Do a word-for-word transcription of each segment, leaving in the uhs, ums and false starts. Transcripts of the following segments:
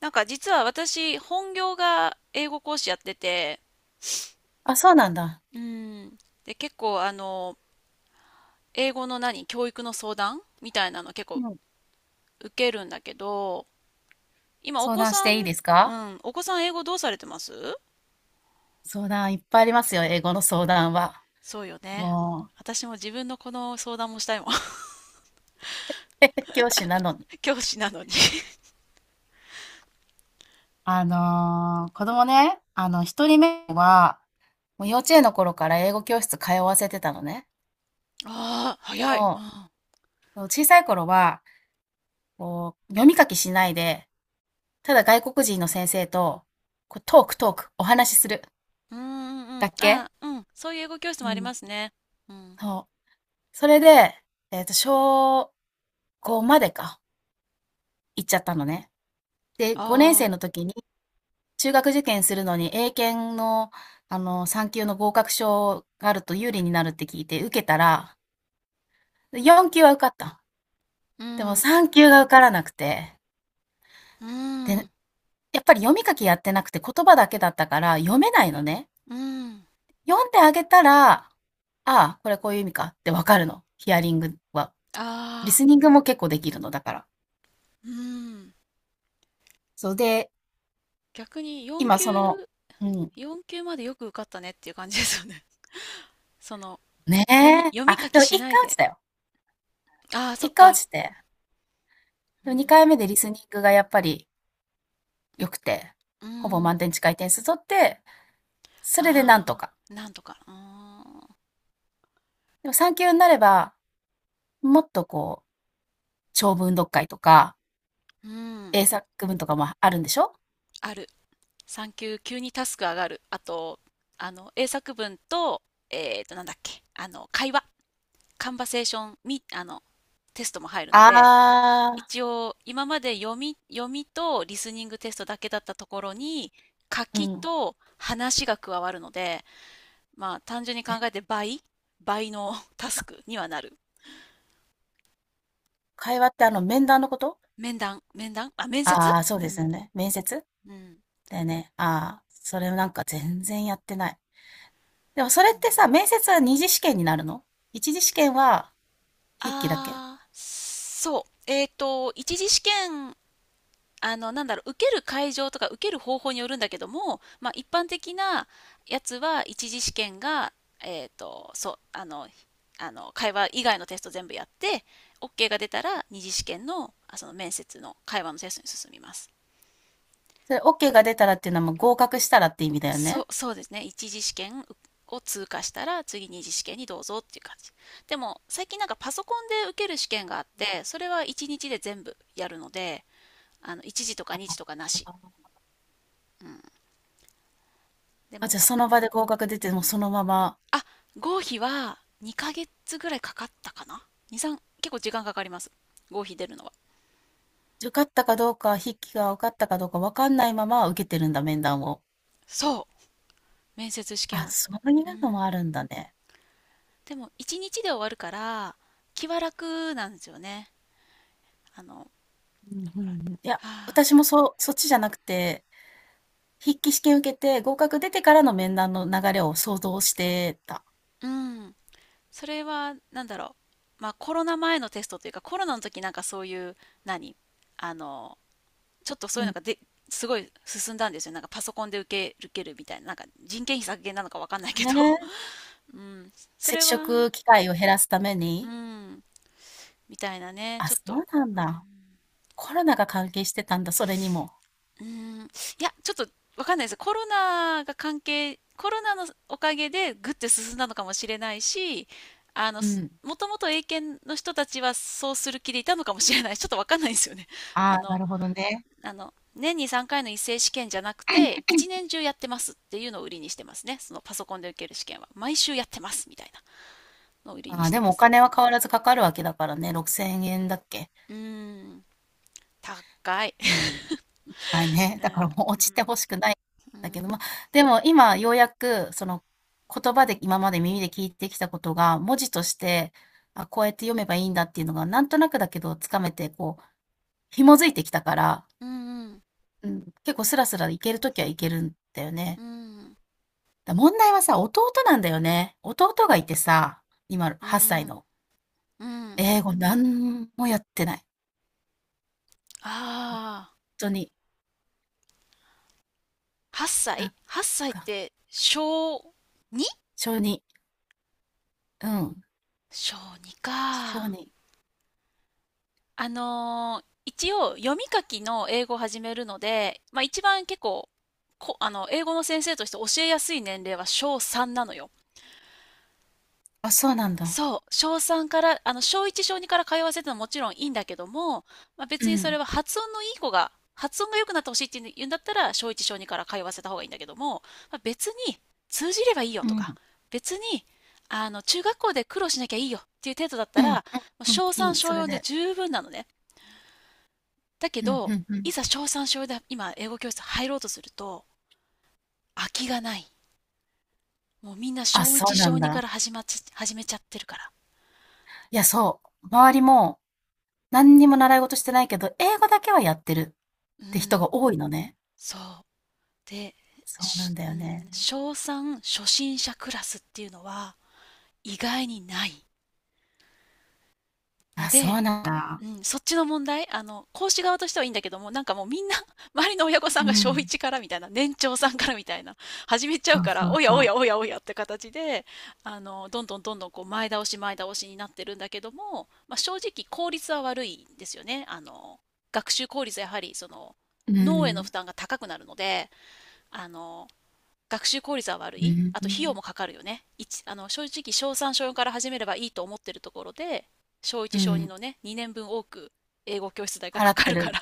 なんか実は私本業が英語講師やってて、あ、そうなんだ。うん。で、結構あの、英語の何、教育の相談みたいなの結う構ん。受けるんだけど、今お相子談しさん、ていいですうか？ん、お子さん英語どうされてます？相談いっぱいありますよ、英語の相談は。そうよね。も私も自分のこの相談もしたいもん。う、教師なのに。教師なのに。あのー子供ね、あの、ひとりめは、もう幼稚園の頃から英語教室通わせてたのね。ああ、で早い。も、小さい頃は、こう、読み書きしないで、ただ外国人の先生と、こうトークトーク、お話しする。うん、うんうんうん。だあけあ、うん。そういう英語教室もうありまん。すね。うん。そう。それで、えっと、小ごまでか、行っちゃったのね。で、ごねんあ生あ、の時に中学受験するのに英検の、あの、さん級の合格証があると有利になるって聞いて受けたら、よん級は受かった。うでもん、さん級が受からなくて。うで、ん、やっぱり読み書きやってなくて言葉だけだったから読めないのね。うん。読んであげたら、ああ、これこういう意味かってわかるの。ヒアリングは。リああ、スニングも結構できるのだから。うん。そうで、逆に4今級、その、うん。よん級までよく受かったねっていう感じですよね。その、ね読み、え。読あ、み書できもし一ない回落ちで。たよ。ああ、そっ一回落か。ちて。うでも2ん、回目でリスニングがやっぱり良くて、うほぼ満ん、点近い点数取って、それでなんとあか。あ、なんとか。うーん、でもさん級になれば、もっとこう、長文読解とか、うん、英作文とかもあるんでしょ？ある。さん級、急にタスク上がる。あと、あの、英作文と、えっと、なんだっけ、あの、会話、カンバセーション、み、あの、テストも入るので、ああ、一応、今まで読み、読みとリスニングテストだけだったところに、書うきん。と話が加わるので、まあ、単純に考え、えて倍、倍のタかスクにはなる。会話ってあの面談のこと？面談、面談、あ、面接。ああー、そううですんよね。面接うん。だよね。ああ、それなんか全然やってない。でもそれうっん。てさ、面接はにじしけんになるの？いちじしけんは筆記だけ？ああ、そう。えっと、一次試験、あの、なんだろう、受ける会場とか受ける方法によるんだけども、まあ、一般的なやつは、一次試験が、えっと、そう、あの、あの、会話以外のテスト全部やって、OK が出たら、二次試験の、あその面接の会話のテストに進みます。それ OK が出たらっていうのはもう合格したらって意味だよそう、ね。そうですね。一次試験を通過したら次二次試験にどうぞっていう感じ。でも最近なんかパソコンで受ける試験があって、それはいちにちで全部やるので、あのいち次とかにあ、次とかなし。であ、もじゃあパ、その場で合格出て、もうそのまま、あ、合否はにかげつぐらいかかったかな？ に、さん、結構時間かかります。合否出るのは。受かったかどうか、筆記が受かったかどうか分かんないまま受けてるんだ、面談を。そう、面接試験あ、は。そういううのもあん。るんだね。でもいちにちで終わるから気は楽なんですよね。あの、ほうんうらはんうん。いや、あ、私もそう、そっちじゃなくて、筆記試験受けて合格出てからの面談の流れを想像してた。うん。それはなんだろう、まあ、コロナ前のテストというかコロナの時なんかそういう何あのちょっとそうういうのん。がですごい進んだんですよ。なんかパソコンで受け受けるみたいな。なんか人件費削減なのかわかんないけど、ね。うん、そ接れは、触機会を減らすためうに。ん、みたいなね、あ、ちょそっうと、なんうだ。ん、コロナが関係してたんだ、それにも。うーん、いや、ちょっとわかんないです。コロナが関係、コロナのおかげでぐって進んだのかもしれないし、あの、うすん。もともと英検の人たちはそうする気でいたのかもしれない。ちょっとわかんないですよね。あああ、なの、るほどね。あの、年にさんかいの一斉試験じゃなくて、一年中やってますっていうのを売りにしてますね。そのパソコンで受ける試験は。毎週やってますみたいなのを売りにああ、しでてもまおす。金は変わらずかかるわけだからね、ろくせんえんだっけ？うーん、高い。うん。ない ね。だからね、もう落ちて欲しくないんうだん、けど、まあ、でも今ようやくその言葉で今まで耳で聞いてきたことが、文字として、あ、こうやって読めばいいんだっていうのがなんとなくだけどつかめて、こう紐づいてきたから、うん、うん、結構スラスラいけるときはいけるんだようね。ん、うん、だ、問題はさ、弟なんだよね。弟がいてさ、今うはっさいん、の。うん、英語なんもやってない。本ああ。当に。8な歳 ん はっ 歳っかて小 に？ 小児うん。小に小か。児あのー一応読み書きの英語を始めるので、まあ一番結構、こ、あの、英語の先生として教えやすい年齢は小さんなのよ。あ、そうなんだ。そう、小さんから、あの、小いち、小にから通わせてのはもちろんいいんだけども、まあ、別うにそれん。は発音のいい子が、発音が良くなってほしいって言うんだったら、小いち、小にから通わせた方がいいんだけども、まあ、別に通じればいいようとん。か、別に、あの、中学校で苦労しなきゃいいよっていう程度だったうん。ら、もううん。小さん、いい。小それよんでで。十分なのね。だけうん。ど、うん。ういん。ざ小さん、小よんで今、英語教室入ろうとすると、空きがない。もうみんなあ、小そいち、うな小んにかだ。ら始まっち、始めちゃってるから。いや、そう。周りも、何にも習い事してないけど、英語だけはやってるっうて人ん、が多いのね。そう。で、そうなんしだうよん、ね。小さん初心者クラスっていうのは意外にないのあ、そで、うなんだ。うん、そっちの問題、あの、講師側としてはいいんだけども、なんかもうみんな、周りの親御さんが小いちからみたいな、年長さんからみたいな、始めちゃうから、おやおやおやおやって形で、あの、どんどんどんどんこう前倒し前倒しになってるんだけども、まあ、正直効率は悪いんですよね。あの、学習効率はやはりその、う脳へのん。負担が高くなるので、あの、学習効率は悪うい。あと費用ん。もかかるよね。一あの正直、小さん小よんから始めればいいと思ってるところで、小いちう小にん。のね、にねんぶん多く英語教室代が払かっかてるかる。ら。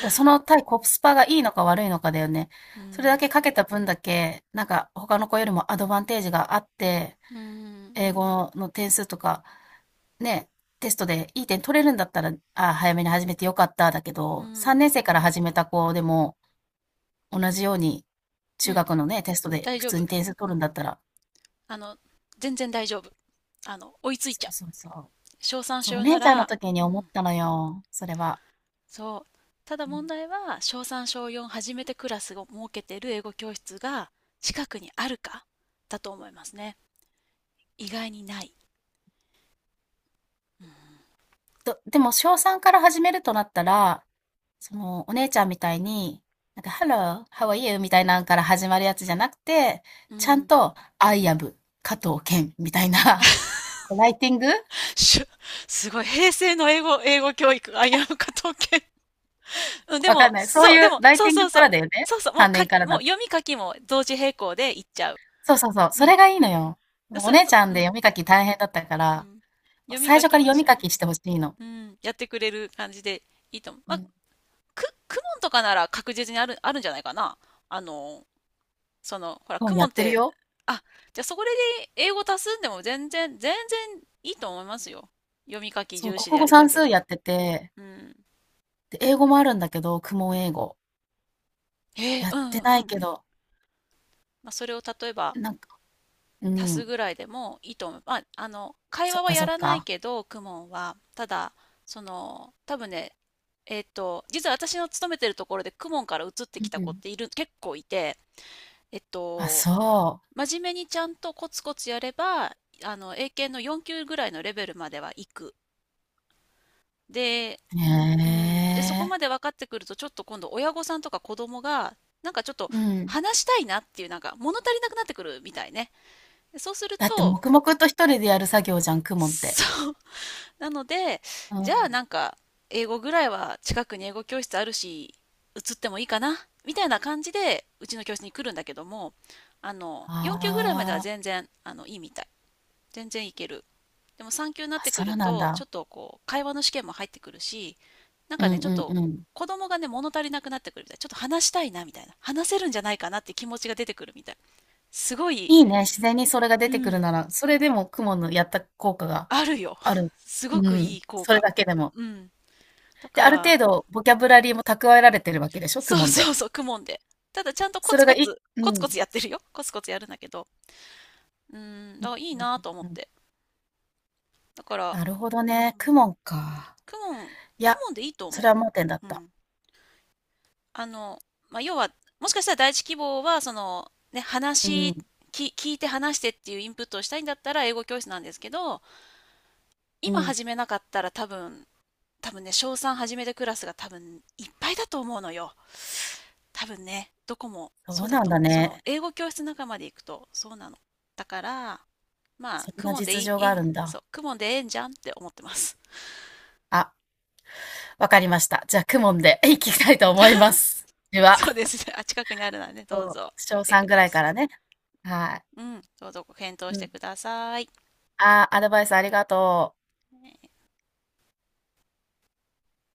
だ、その対うコスパがいいのか悪いのかだよね。それだけかんけた分だけ、なんか他の子よりもアドバンテージがあって、うん英語の点数とかね、テストでいい点取れるんだったら、あ、早めに始めてよかっただけうど、3ん年生から始めた子でも、同じようにう中ん、学のね、テストで大普丈通夫、に点数取うるん、んだったら、あの全然大丈夫、あの追いついそちゃうう、そうそう。小さんそ小う、およんな姉ちゃんのら、時にう思っん、たのよ、それは。そう。ただう問ん。題は小さん小よん初めてクラスを設けてる英語教室が近くにあるかだと思いますね。意外にない。と、でも小さんから始めるとなったら、その、お姉ちゃんみたいに、なんか、Hello, how are you? みたいなんから始まるやつじゃなくて、うちゃんん、と、I am 加藤健みたいな、こうライティング、しゅすごい、平成の英語、英語教育、危うか統計。うん、でわかも、んない。そうそう、でいうも、ライそテうィンそうグかそらう。だよね。そうそう、もう単書年かき、らもだうと。読み書きも同時並行でいっちゃう。そうそうそう。うそん。れがいいのよ。もうそおれ姉ちと、ゃんうで読ん、み書き大変だったかうら、ん。読み最書初きからも一読み緒書に。きしてほしいの。うん、やってくれる感じでいいと思う。まうあ、ん。く、クモンとかなら確実にある、あるんじゃないかな。あの、その、ほら、もクうやモっンってるて、よ。あ、じゃあそこで英語足すんでも全然、全然いいと思いますよ。読み書きそう、重視で国や語りた算けれ数ば。やってて、うん。で、英語もあるんだけど、公文英語。えーやうってん、なういん。けど、まあ、それを例えばなんか、う足すん。ぐらいでもいいと思う。まあ、あの会そ話っはかやそっらないか。けどクモンはただ、その多分ね、えっと実は私の勤めてるところでクモンから移ってうきた子っん。ている結構いて、えっあ、とそ真面目にちゃんとコツコツやれば、あの英検のよん級ぐらいのレベルまでは行く。で、う。うん、でそへこまえ。で分かってくると、ちょっと今度親御さんとか子供がなんかちょっとうん。話したいなっていう、なんか物足りなくなってくるみたいね。そうするだってと黙々と一人でやる作業じゃん、公文って。そう。なので、うじゃあなん。んか、英語ぐらいは近くに英語教室あるし、移ってもいいかなみたいな感じで、うちの教室に来るんだけども、あの、よん級ぐらいまではあ全あ。然、あの、いいみたい。全然いける。でもさん級になっあ、てそくるうなんと、ちょだ。っとこう、会話の試験も入ってくるし、なんうかね、んうちょっと、んうん。子供がね、物足りなくなってくるみたい。ちょっと話したいな、みたいな。話せるんじゃないかなって気持ちが出てくるみたい。すごい、いいね、自然にそれが出うてくるん、なら、それでも雲のやった効果があるよ。ある。すうごくいん、い効それ果。だけでも。うん。だで、かあるら、程度ボキャブラリーも蓄えられてるわけでしょ、公そう文そうで。そう、公文で。ただちゃんとコそツれがコいツ、うコツコん。ツやってるよ。コツコツやるんだけど。うん、うんだからいいうんなと思っうんうん。て。だから、なるほどうね、公ん、文か。公文、公いや、文でいいと思それは盲点だっう。うた。ん。あの、まあ、要は、もしかしたら第一希望は、その、ね、う話、ん、き聞いて話してっていうインプットをしたいんだったら英語教室なんですけど、う今ん。始めなかったら多分、多分ね、小さん始めてクラスが多分いっぱいだと思うのよ。多分ね、どこもそそううだなんと思だう。そのね。英語教室仲間で行くとそうなの。だから、まあ、そんクなモンで実い情い、がいあい、るんそだ。う、クモンでええんじゃんって思ってます。あ、わかりました。じゃあ、公文で いきたいと思います。では、そうですね。あ、近くにあるので、ね、どそうう、ぞ、行って小みてくさんぐらだいかさらね。はい。い。うん、どうぞご検討うしてん。ください。ああ、アドバイスありがとう。ね